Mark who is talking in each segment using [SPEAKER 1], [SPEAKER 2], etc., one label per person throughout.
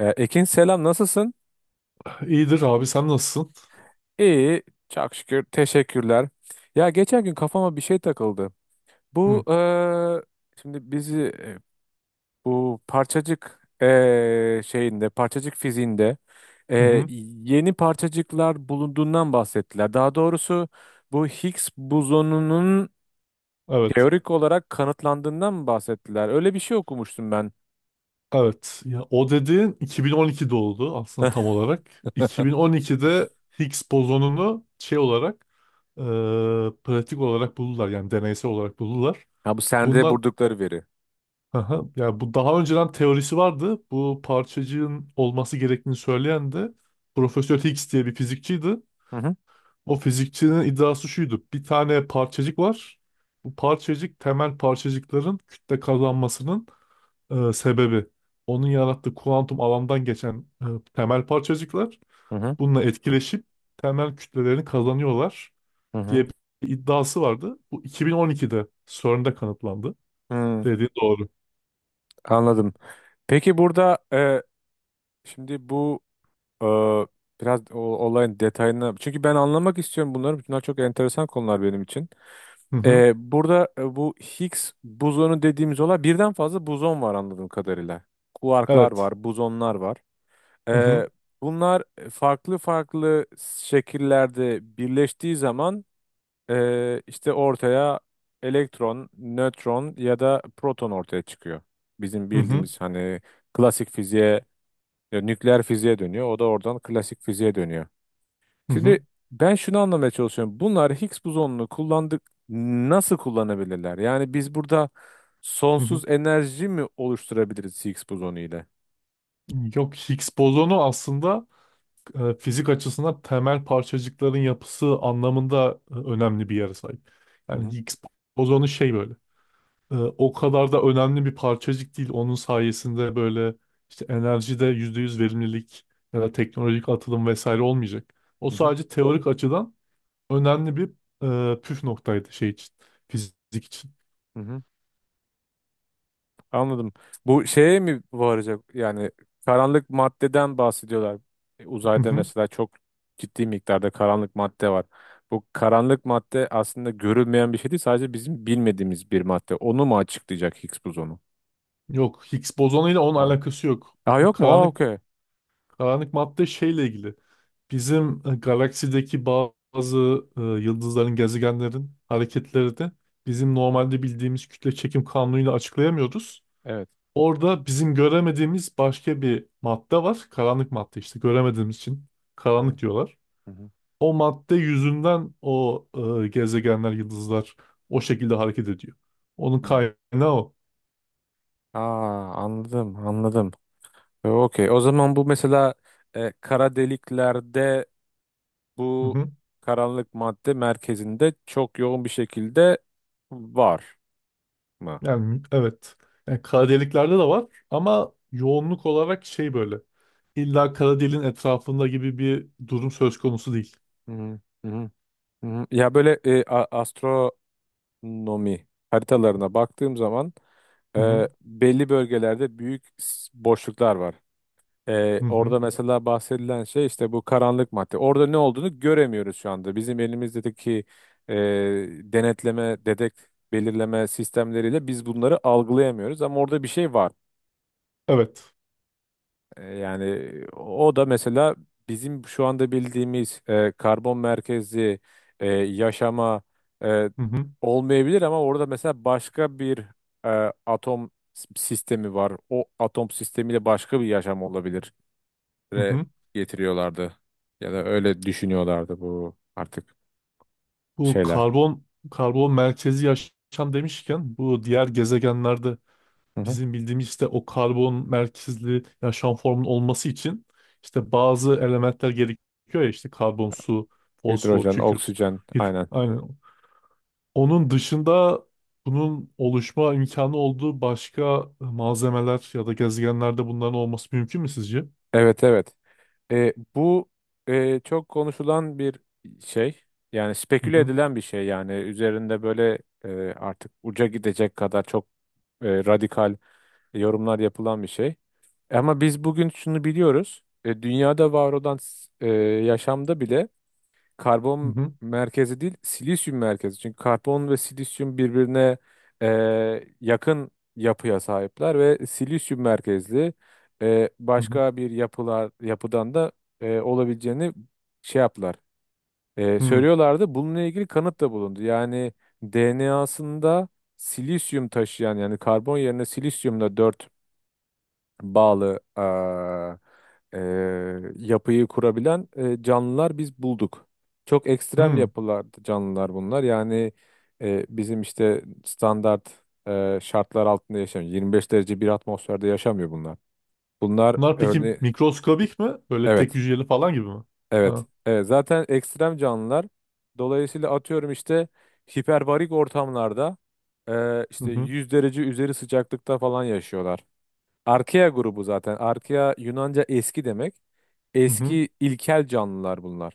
[SPEAKER 1] Ekin selam nasılsın?
[SPEAKER 2] İyidir abi sen nasılsın?
[SPEAKER 1] İyi çok şükür teşekkürler. Ya geçen gün kafama bir şey takıldı. Bu
[SPEAKER 2] Hı
[SPEAKER 1] şimdi bizi bu parçacık şeyinde parçacık fiziğinde
[SPEAKER 2] hı.
[SPEAKER 1] eee,
[SPEAKER 2] Hı.
[SPEAKER 1] yeni parçacıklar bulunduğundan bahsettiler. Daha doğrusu bu Higgs bozonunun
[SPEAKER 2] Evet.
[SPEAKER 1] teorik olarak kanıtlandığından mı bahsettiler? Öyle bir şey okumuştum ben.
[SPEAKER 2] Evet. Ya o dediğin 2012 oldu aslında tam olarak. 2012'de Higgs bozonunu şey olarak, e, pratik olarak buldular, yani deneysel olarak buldular.
[SPEAKER 1] Ya bu sende
[SPEAKER 2] Bundan
[SPEAKER 1] buldukları veri.
[SPEAKER 2] Aha, yani bu daha önceden teorisi vardı. Bu parçacığın olması gerektiğini söyleyen de Profesör Higgs diye bir fizikçiydi.
[SPEAKER 1] Hı hı
[SPEAKER 2] O fizikçinin iddiası şuydu. Bir tane parçacık var. Bu parçacık temel parçacıkların kütle kazanmasının sebebi, onun yarattığı kuantum alandan geçen temel parçacıklar
[SPEAKER 1] hı hı.
[SPEAKER 2] bununla etkileşip temel kütlelerini kazanıyorlar
[SPEAKER 1] Hı hı.
[SPEAKER 2] diye bir iddiası vardı. Bu 2012'de CERN'de kanıtlandı.
[SPEAKER 1] Hmm,
[SPEAKER 2] Dediği doğru.
[SPEAKER 1] anladım. Peki burada şimdi bu e, biraz olayın detayına çünkü ben anlamak istiyorum bunları. Bunlar çok enteresan konular benim için.
[SPEAKER 2] Hı hı.
[SPEAKER 1] Burada bu Higgs bozonu dediğimiz olay birden fazla bozon var anladığım kadarıyla. Kuarklar
[SPEAKER 2] Evet.
[SPEAKER 1] var, bozonlar var.
[SPEAKER 2] Hı hı.
[SPEAKER 1] E, bunlar farklı farklı şekillerde birleştiği zaman işte ortaya elektron, nötron ya da proton ortaya çıkıyor. Bizim
[SPEAKER 2] Hı hı.
[SPEAKER 1] bildiğimiz hani klasik fiziğe ya nükleer fiziğe dönüyor. O da oradan klasik fiziğe dönüyor.
[SPEAKER 2] Hı hı.
[SPEAKER 1] Şimdi ben şunu anlamaya çalışıyorum. Bunlar Higgs bozonunu kullandık nasıl kullanabilirler? Yani biz burada
[SPEAKER 2] Hı hı.
[SPEAKER 1] sonsuz enerji mi oluşturabiliriz Higgs bozonu ile?
[SPEAKER 2] Yok, Higgs bozonu aslında fizik açısından temel parçacıkların yapısı anlamında önemli bir yere sahip.
[SPEAKER 1] Hı hı,
[SPEAKER 2] Yani Higgs bozonu şey böyle, o kadar da önemli bir parçacık değil. Onun sayesinde böyle işte enerjide %100 verimlilik ya da teknolojik atılım vesaire olmayacak. O
[SPEAKER 1] hı hı,
[SPEAKER 2] sadece teorik açıdan önemli bir püf noktaydı şey için, fizik için.
[SPEAKER 1] hı hı. Anladım. Bu şeye mi varacak? Yani karanlık maddeden bahsediyorlar. E,
[SPEAKER 2] Hı
[SPEAKER 1] Uzayda
[SPEAKER 2] hı.
[SPEAKER 1] mesela çok ciddi miktarda karanlık madde var. Bu karanlık madde aslında görülmeyen bir şey değil, sadece bizim bilmediğimiz bir madde. Onu mu açıklayacak Higgs bozonu?
[SPEAKER 2] Yok, Higgs bozonuyla onun alakası yok.
[SPEAKER 1] Aa
[SPEAKER 2] O
[SPEAKER 1] yok mu? Aa
[SPEAKER 2] karanlık
[SPEAKER 1] okey.
[SPEAKER 2] karanlık madde şeyle ilgili. Bizim galaksideki bazı yıldızların, gezegenlerin hareketleri de bizim normalde bildiğimiz kütle çekim kanunuyla açıklayamıyoruz.
[SPEAKER 1] Evet.
[SPEAKER 2] Orada bizim göremediğimiz başka bir madde var. Karanlık madde, işte göremediğimiz için
[SPEAKER 1] Hı hı,
[SPEAKER 2] karanlık diyorlar.
[SPEAKER 1] hı hı,
[SPEAKER 2] O madde yüzünden o gezegenler, yıldızlar o şekilde hareket ediyor. Onun
[SPEAKER 1] hı.
[SPEAKER 2] kaynağı o.
[SPEAKER 1] Aa anladım anladım. Okey. O zaman bu mesela kara deliklerde
[SPEAKER 2] Hı
[SPEAKER 1] bu
[SPEAKER 2] hı.
[SPEAKER 1] karanlık madde merkezinde çok yoğun bir şekilde var mı?
[SPEAKER 2] Yani evet. Yani kara deliklerde de var ama yoğunluk olarak şey böyle. İlla kara deliğin etrafında gibi bir durum söz konusu değil.
[SPEAKER 1] Hı hı, hı hı. Hı hı. Ya böyle astronomi haritalarına baktığım zaman
[SPEAKER 2] Hı hı.
[SPEAKER 1] belli bölgelerde büyük boşluklar var. Ee,
[SPEAKER 2] Hı hı.
[SPEAKER 1] orada mesela bahsedilen şey işte bu karanlık madde. Orada ne olduğunu göremiyoruz şu anda. Bizim elimizdeki e, denetleme, belirleme sistemleriyle biz bunları algılayamıyoruz. Ama orada bir şey var.
[SPEAKER 2] Evet.
[SPEAKER 1] Yani o da mesela bizim şu anda bildiğimiz karbon merkezli yaşama e,
[SPEAKER 2] Hı hı.
[SPEAKER 1] olmayabilir ama orada mesela başka bir atom sistemi var. O atom sistemiyle başka bir yaşam olabilir
[SPEAKER 2] Hı
[SPEAKER 1] re
[SPEAKER 2] hı.
[SPEAKER 1] getiriyorlardı. Ya da öyle düşünüyorlardı bu artık
[SPEAKER 2] Bu
[SPEAKER 1] şeyler.
[SPEAKER 2] karbon merkezi yaşam demişken, bu diğer gezegenlerde
[SPEAKER 1] Hı hı.
[SPEAKER 2] bizim bildiğimiz işte o karbon merkezli yaşam formunun olması için işte bazı elementler gerekiyor, ya işte karbon, su, fosfor,
[SPEAKER 1] Hidrojen,
[SPEAKER 2] kükürt.
[SPEAKER 1] oksijen, aynen.
[SPEAKER 2] Aynen. Onun dışında bunun oluşma imkanı olduğu başka malzemeler ya da gezegenlerde bunların olması mümkün mü sizce?
[SPEAKER 1] Evet evet. Bu çok konuşulan bir şey. Yani
[SPEAKER 2] Hı
[SPEAKER 1] speküle
[SPEAKER 2] hı.
[SPEAKER 1] edilen bir şey yani. Üzerinde böyle e, artık uca gidecek kadar çok radikal yorumlar yapılan bir şey. Ama biz bugün şunu biliyoruz. Dünyada var olan yaşamda bile
[SPEAKER 2] Hı
[SPEAKER 1] karbon
[SPEAKER 2] hı.
[SPEAKER 1] merkezi değil, silisyum merkezi. Çünkü karbon ve silisyum birbirine e, yakın yapıya sahipler ve silisyum merkezli
[SPEAKER 2] Hı hı.
[SPEAKER 1] başka bir yapıdan da olabileceğini şey yaptılar. E,
[SPEAKER 2] Hı.
[SPEAKER 1] söylüyorlardı. Bununla ilgili kanıt da bulundu. Yani DNA'sında silisyum taşıyan yani karbon yerine silisyumla dört bağlı yapıyı kurabilen canlılar biz bulduk. Çok ekstrem
[SPEAKER 2] Hı.
[SPEAKER 1] yapılar canlılar bunlar. Yani bizim işte standart şartlar altında yaşamıyor. 25 derece bir atmosferde yaşamıyor bunlar. Bunlar
[SPEAKER 2] Bunlar peki
[SPEAKER 1] örneği
[SPEAKER 2] mikroskobik mi? Böyle tek
[SPEAKER 1] evet
[SPEAKER 2] hücreli falan gibi mi?
[SPEAKER 1] evet
[SPEAKER 2] Ha.
[SPEAKER 1] evet zaten ekstrem canlılar. Dolayısıyla atıyorum işte hiperbarik ortamlarda
[SPEAKER 2] Hı
[SPEAKER 1] işte
[SPEAKER 2] hı.
[SPEAKER 1] 100 derece üzeri sıcaklıkta falan yaşıyorlar. Arkea grubu zaten. Arkea Yunanca eski demek.
[SPEAKER 2] Hı hı.
[SPEAKER 1] Eski ilkel canlılar bunlar.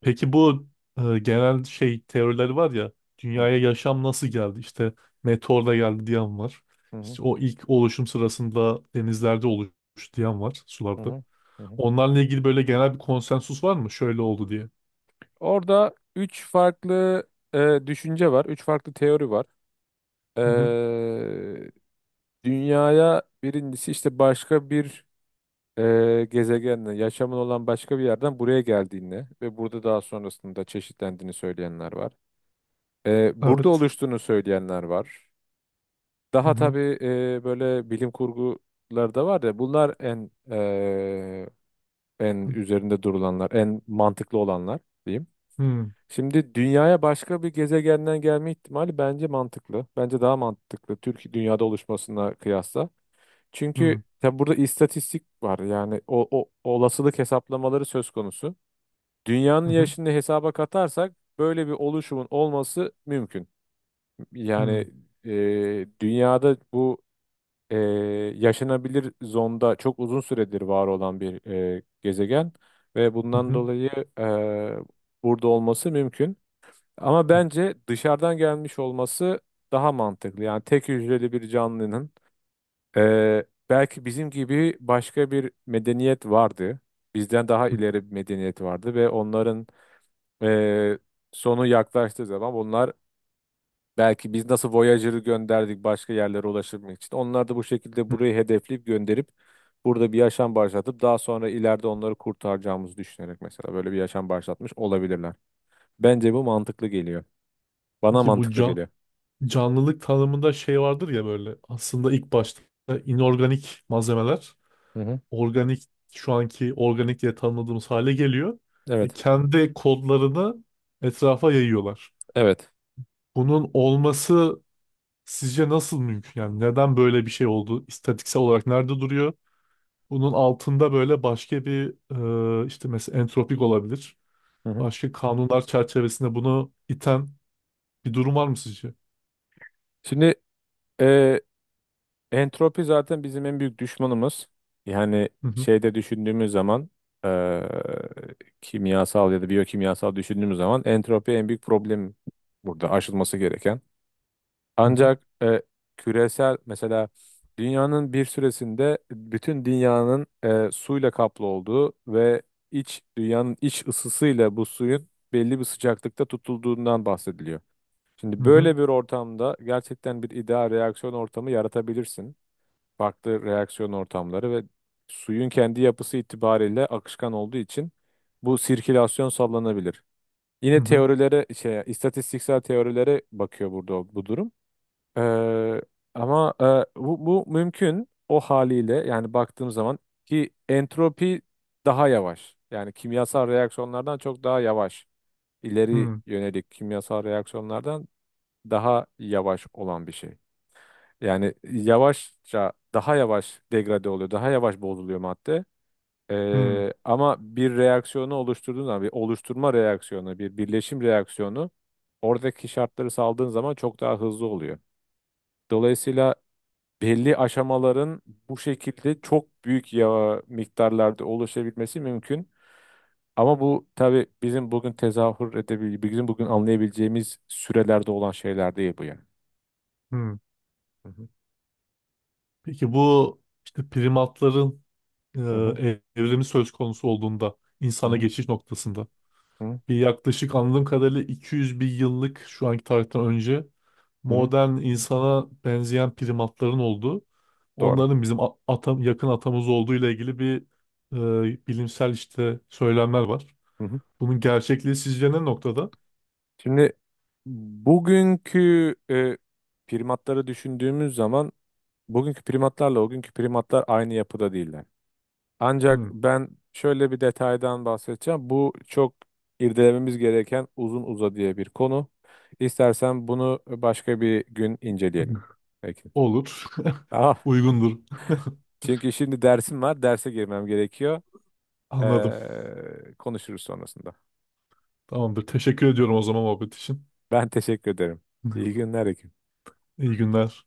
[SPEAKER 2] Peki bu genel şey teorileri var ya,
[SPEAKER 1] Hı
[SPEAKER 2] dünyaya yaşam nasıl geldi? İşte meteorla geldi diyen var.
[SPEAKER 1] hı hı
[SPEAKER 2] İşte o ilk oluşum sırasında denizlerde oluştu diyen var,
[SPEAKER 1] hı
[SPEAKER 2] sularda.
[SPEAKER 1] hı. Hı hı.
[SPEAKER 2] Onlarla ilgili böyle genel bir konsensus var mı? Şöyle oldu diye.
[SPEAKER 1] Orada üç farklı düşünce var, üç farklı teori var.
[SPEAKER 2] Hı hı.
[SPEAKER 1] Eee, dünyaya birincisi işte başka bir gezegenle, yaşamın olan başka bir yerden buraya geldiğini ve burada daha sonrasında çeşitlendiğini söyleyenler var. Burada
[SPEAKER 2] Evet.
[SPEAKER 1] oluştuğunu söyleyenler var.
[SPEAKER 2] Hı
[SPEAKER 1] Daha
[SPEAKER 2] hı.
[SPEAKER 1] tabii böyle bilim kurguları da var ya bunlar en
[SPEAKER 2] Hı
[SPEAKER 1] üzerinde durulanlar, en mantıklı olanlar diyeyim.
[SPEAKER 2] hı.
[SPEAKER 1] Şimdi dünyaya başka bir gezegenden gelme ihtimali bence mantıklı. Bence daha mantıklı Türkiye dünyada oluşmasına kıyasla. Çünkü
[SPEAKER 2] Hı
[SPEAKER 1] tabi burada istatistik var. Yani o olasılık hesaplamaları söz konusu. Dünyanın
[SPEAKER 2] hı.
[SPEAKER 1] yaşını hesaba katarsak böyle bir oluşumun olması mümkün.
[SPEAKER 2] Hı
[SPEAKER 1] Yani
[SPEAKER 2] hı.
[SPEAKER 1] dünyada bu e, yaşanabilir zonda çok uzun süredir var olan bir gezegen ve bundan
[SPEAKER 2] Hı
[SPEAKER 1] dolayı e, burada olması mümkün. Ama bence dışarıdan gelmiş olması daha mantıklı. Yani tek hücreli bir canlının belki bizim gibi başka bir medeniyet vardı. Bizden daha
[SPEAKER 2] hı.
[SPEAKER 1] ileri bir medeniyet vardı ve onların e, sonu yaklaştığı zaman bunlar. Belki biz nasıl Voyager'ı gönderdik başka yerlere ulaşabilmek için. Onlar da bu şekilde burayı hedefleyip gönderip burada bir yaşam başlatıp daha sonra ileride onları kurtaracağımızı düşünerek mesela böyle bir yaşam başlatmış olabilirler. Bence bu mantıklı geliyor. Bana
[SPEAKER 2] Peki bu
[SPEAKER 1] mantıklı geliyor.
[SPEAKER 2] canlılık tanımında şey vardır ya, böyle aslında ilk başta inorganik malzemeler
[SPEAKER 1] Hı hı.
[SPEAKER 2] organik, şu anki organik diye tanımladığımız hale geliyor.
[SPEAKER 1] Evet.
[SPEAKER 2] Kendi kodlarını etrafa yayıyorlar.
[SPEAKER 1] Evet.
[SPEAKER 2] Bunun olması sizce nasıl mümkün? Yani neden böyle bir şey oldu? İstatiksel olarak nerede duruyor? Bunun altında böyle başka bir, işte mesela entropik olabilir.
[SPEAKER 1] Hı hı.
[SPEAKER 2] Başka kanunlar çerçevesinde bunu iten bir durum var mı sizce?
[SPEAKER 1] Şimdi e, entropi zaten bizim en büyük düşmanımız. Yani
[SPEAKER 2] Hı hı.
[SPEAKER 1] şeyde düşündüğümüz zaman e, kimyasal ya da biyokimyasal düşündüğümüz zaman entropi en büyük problem burada aşılması gereken.
[SPEAKER 2] Hı hı.
[SPEAKER 1] Ancak küresel mesela dünyanın bir süresinde bütün dünyanın suyla kaplı olduğu ve iç dünyanın iç ısısıyla bu suyun belli bir sıcaklıkta tutulduğundan bahsediliyor.
[SPEAKER 2] Hı
[SPEAKER 1] Şimdi
[SPEAKER 2] hı.
[SPEAKER 1] böyle bir ortamda gerçekten bir ideal reaksiyon ortamı yaratabilirsin. Farklı reaksiyon ortamları ve suyun kendi yapısı itibariyle akışkan olduğu için bu sirkülasyon sağlanabilir.
[SPEAKER 2] Hı
[SPEAKER 1] Yine
[SPEAKER 2] hı.
[SPEAKER 1] istatistiksel teorilere bakıyor burada bu durum. Ee, ama bu mümkün o haliyle yani baktığım zaman ki entropi daha yavaş. Yani kimyasal reaksiyonlardan çok daha yavaş. İleri
[SPEAKER 2] Hı
[SPEAKER 1] yönelik kimyasal reaksiyonlardan daha yavaş olan bir şey. Yani yavaşça daha yavaş degrade oluyor, daha yavaş bozuluyor madde.
[SPEAKER 2] hı.
[SPEAKER 1] Ama bir reaksiyonu oluşturduğun zaman bir oluşturma reaksiyonu, bir birleşim reaksiyonu oradaki şartları saldığın zaman çok daha hızlı oluyor. Dolayısıyla belli aşamaların bu şekilde çok büyük ya miktarlarda oluşabilmesi mümkün. Ama bu tabii bizim bugün tezahür edebileceğimiz, bizim bugün anlayabileceğimiz sürelerde olan şeyler değil bu yani. Hı hı,
[SPEAKER 2] Peki bu işte primatların
[SPEAKER 1] hı hı,
[SPEAKER 2] evrimi söz konusu olduğunda, insana
[SPEAKER 1] hı
[SPEAKER 2] geçiş noktasında
[SPEAKER 1] hı,
[SPEAKER 2] bir yaklaşık anladığım kadarıyla 200 bin yıllık şu anki tarihten önce
[SPEAKER 1] hı hı.
[SPEAKER 2] modern insana benzeyen primatların olduğu,
[SPEAKER 1] Doğru.
[SPEAKER 2] onların bizim yakın atamız olduğu ile ilgili bir bilimsel işte söylemler var.
[SPEAKER 1] Hı hı.
[SPEAKER 2] Bunun gerçekliği sizce ne noktada?
[SPEAKER 1] Şimdi bugünkü primatları düşündüğümüz zaman bugünkü primatlarla o günkü primatlar aynı yapıda değiller. Ancak
[SPEAKER 2] Hmm.
[SPEAKER 1] ben şöyle bir detaydan bahsedeceğim. Bu çok irdelememiz gereken uzun uza diye bir konu. İstersen bunu başka bir gün inceleyelim. Peki.
[SPEAKER 2] Olur.
[SPEAKER 1] Ah,
[SPEAKER 2] Uygundur.
[SPEAKER 1] çünkü şimdi dersim var. Derse girmem gerekiyor.
[SPEAKER 2] Anladım.
[SPEAKER 1] Konuşuruz sonrasında.
[SPEAKER 2] Tamamdır. Teşekkür ediyorum o zaman, muhabbet için.
[SPEAKER 1] Ben teşekkür ederim. İyi günler. Ekim.
[SPEAKER 2] İyi günler.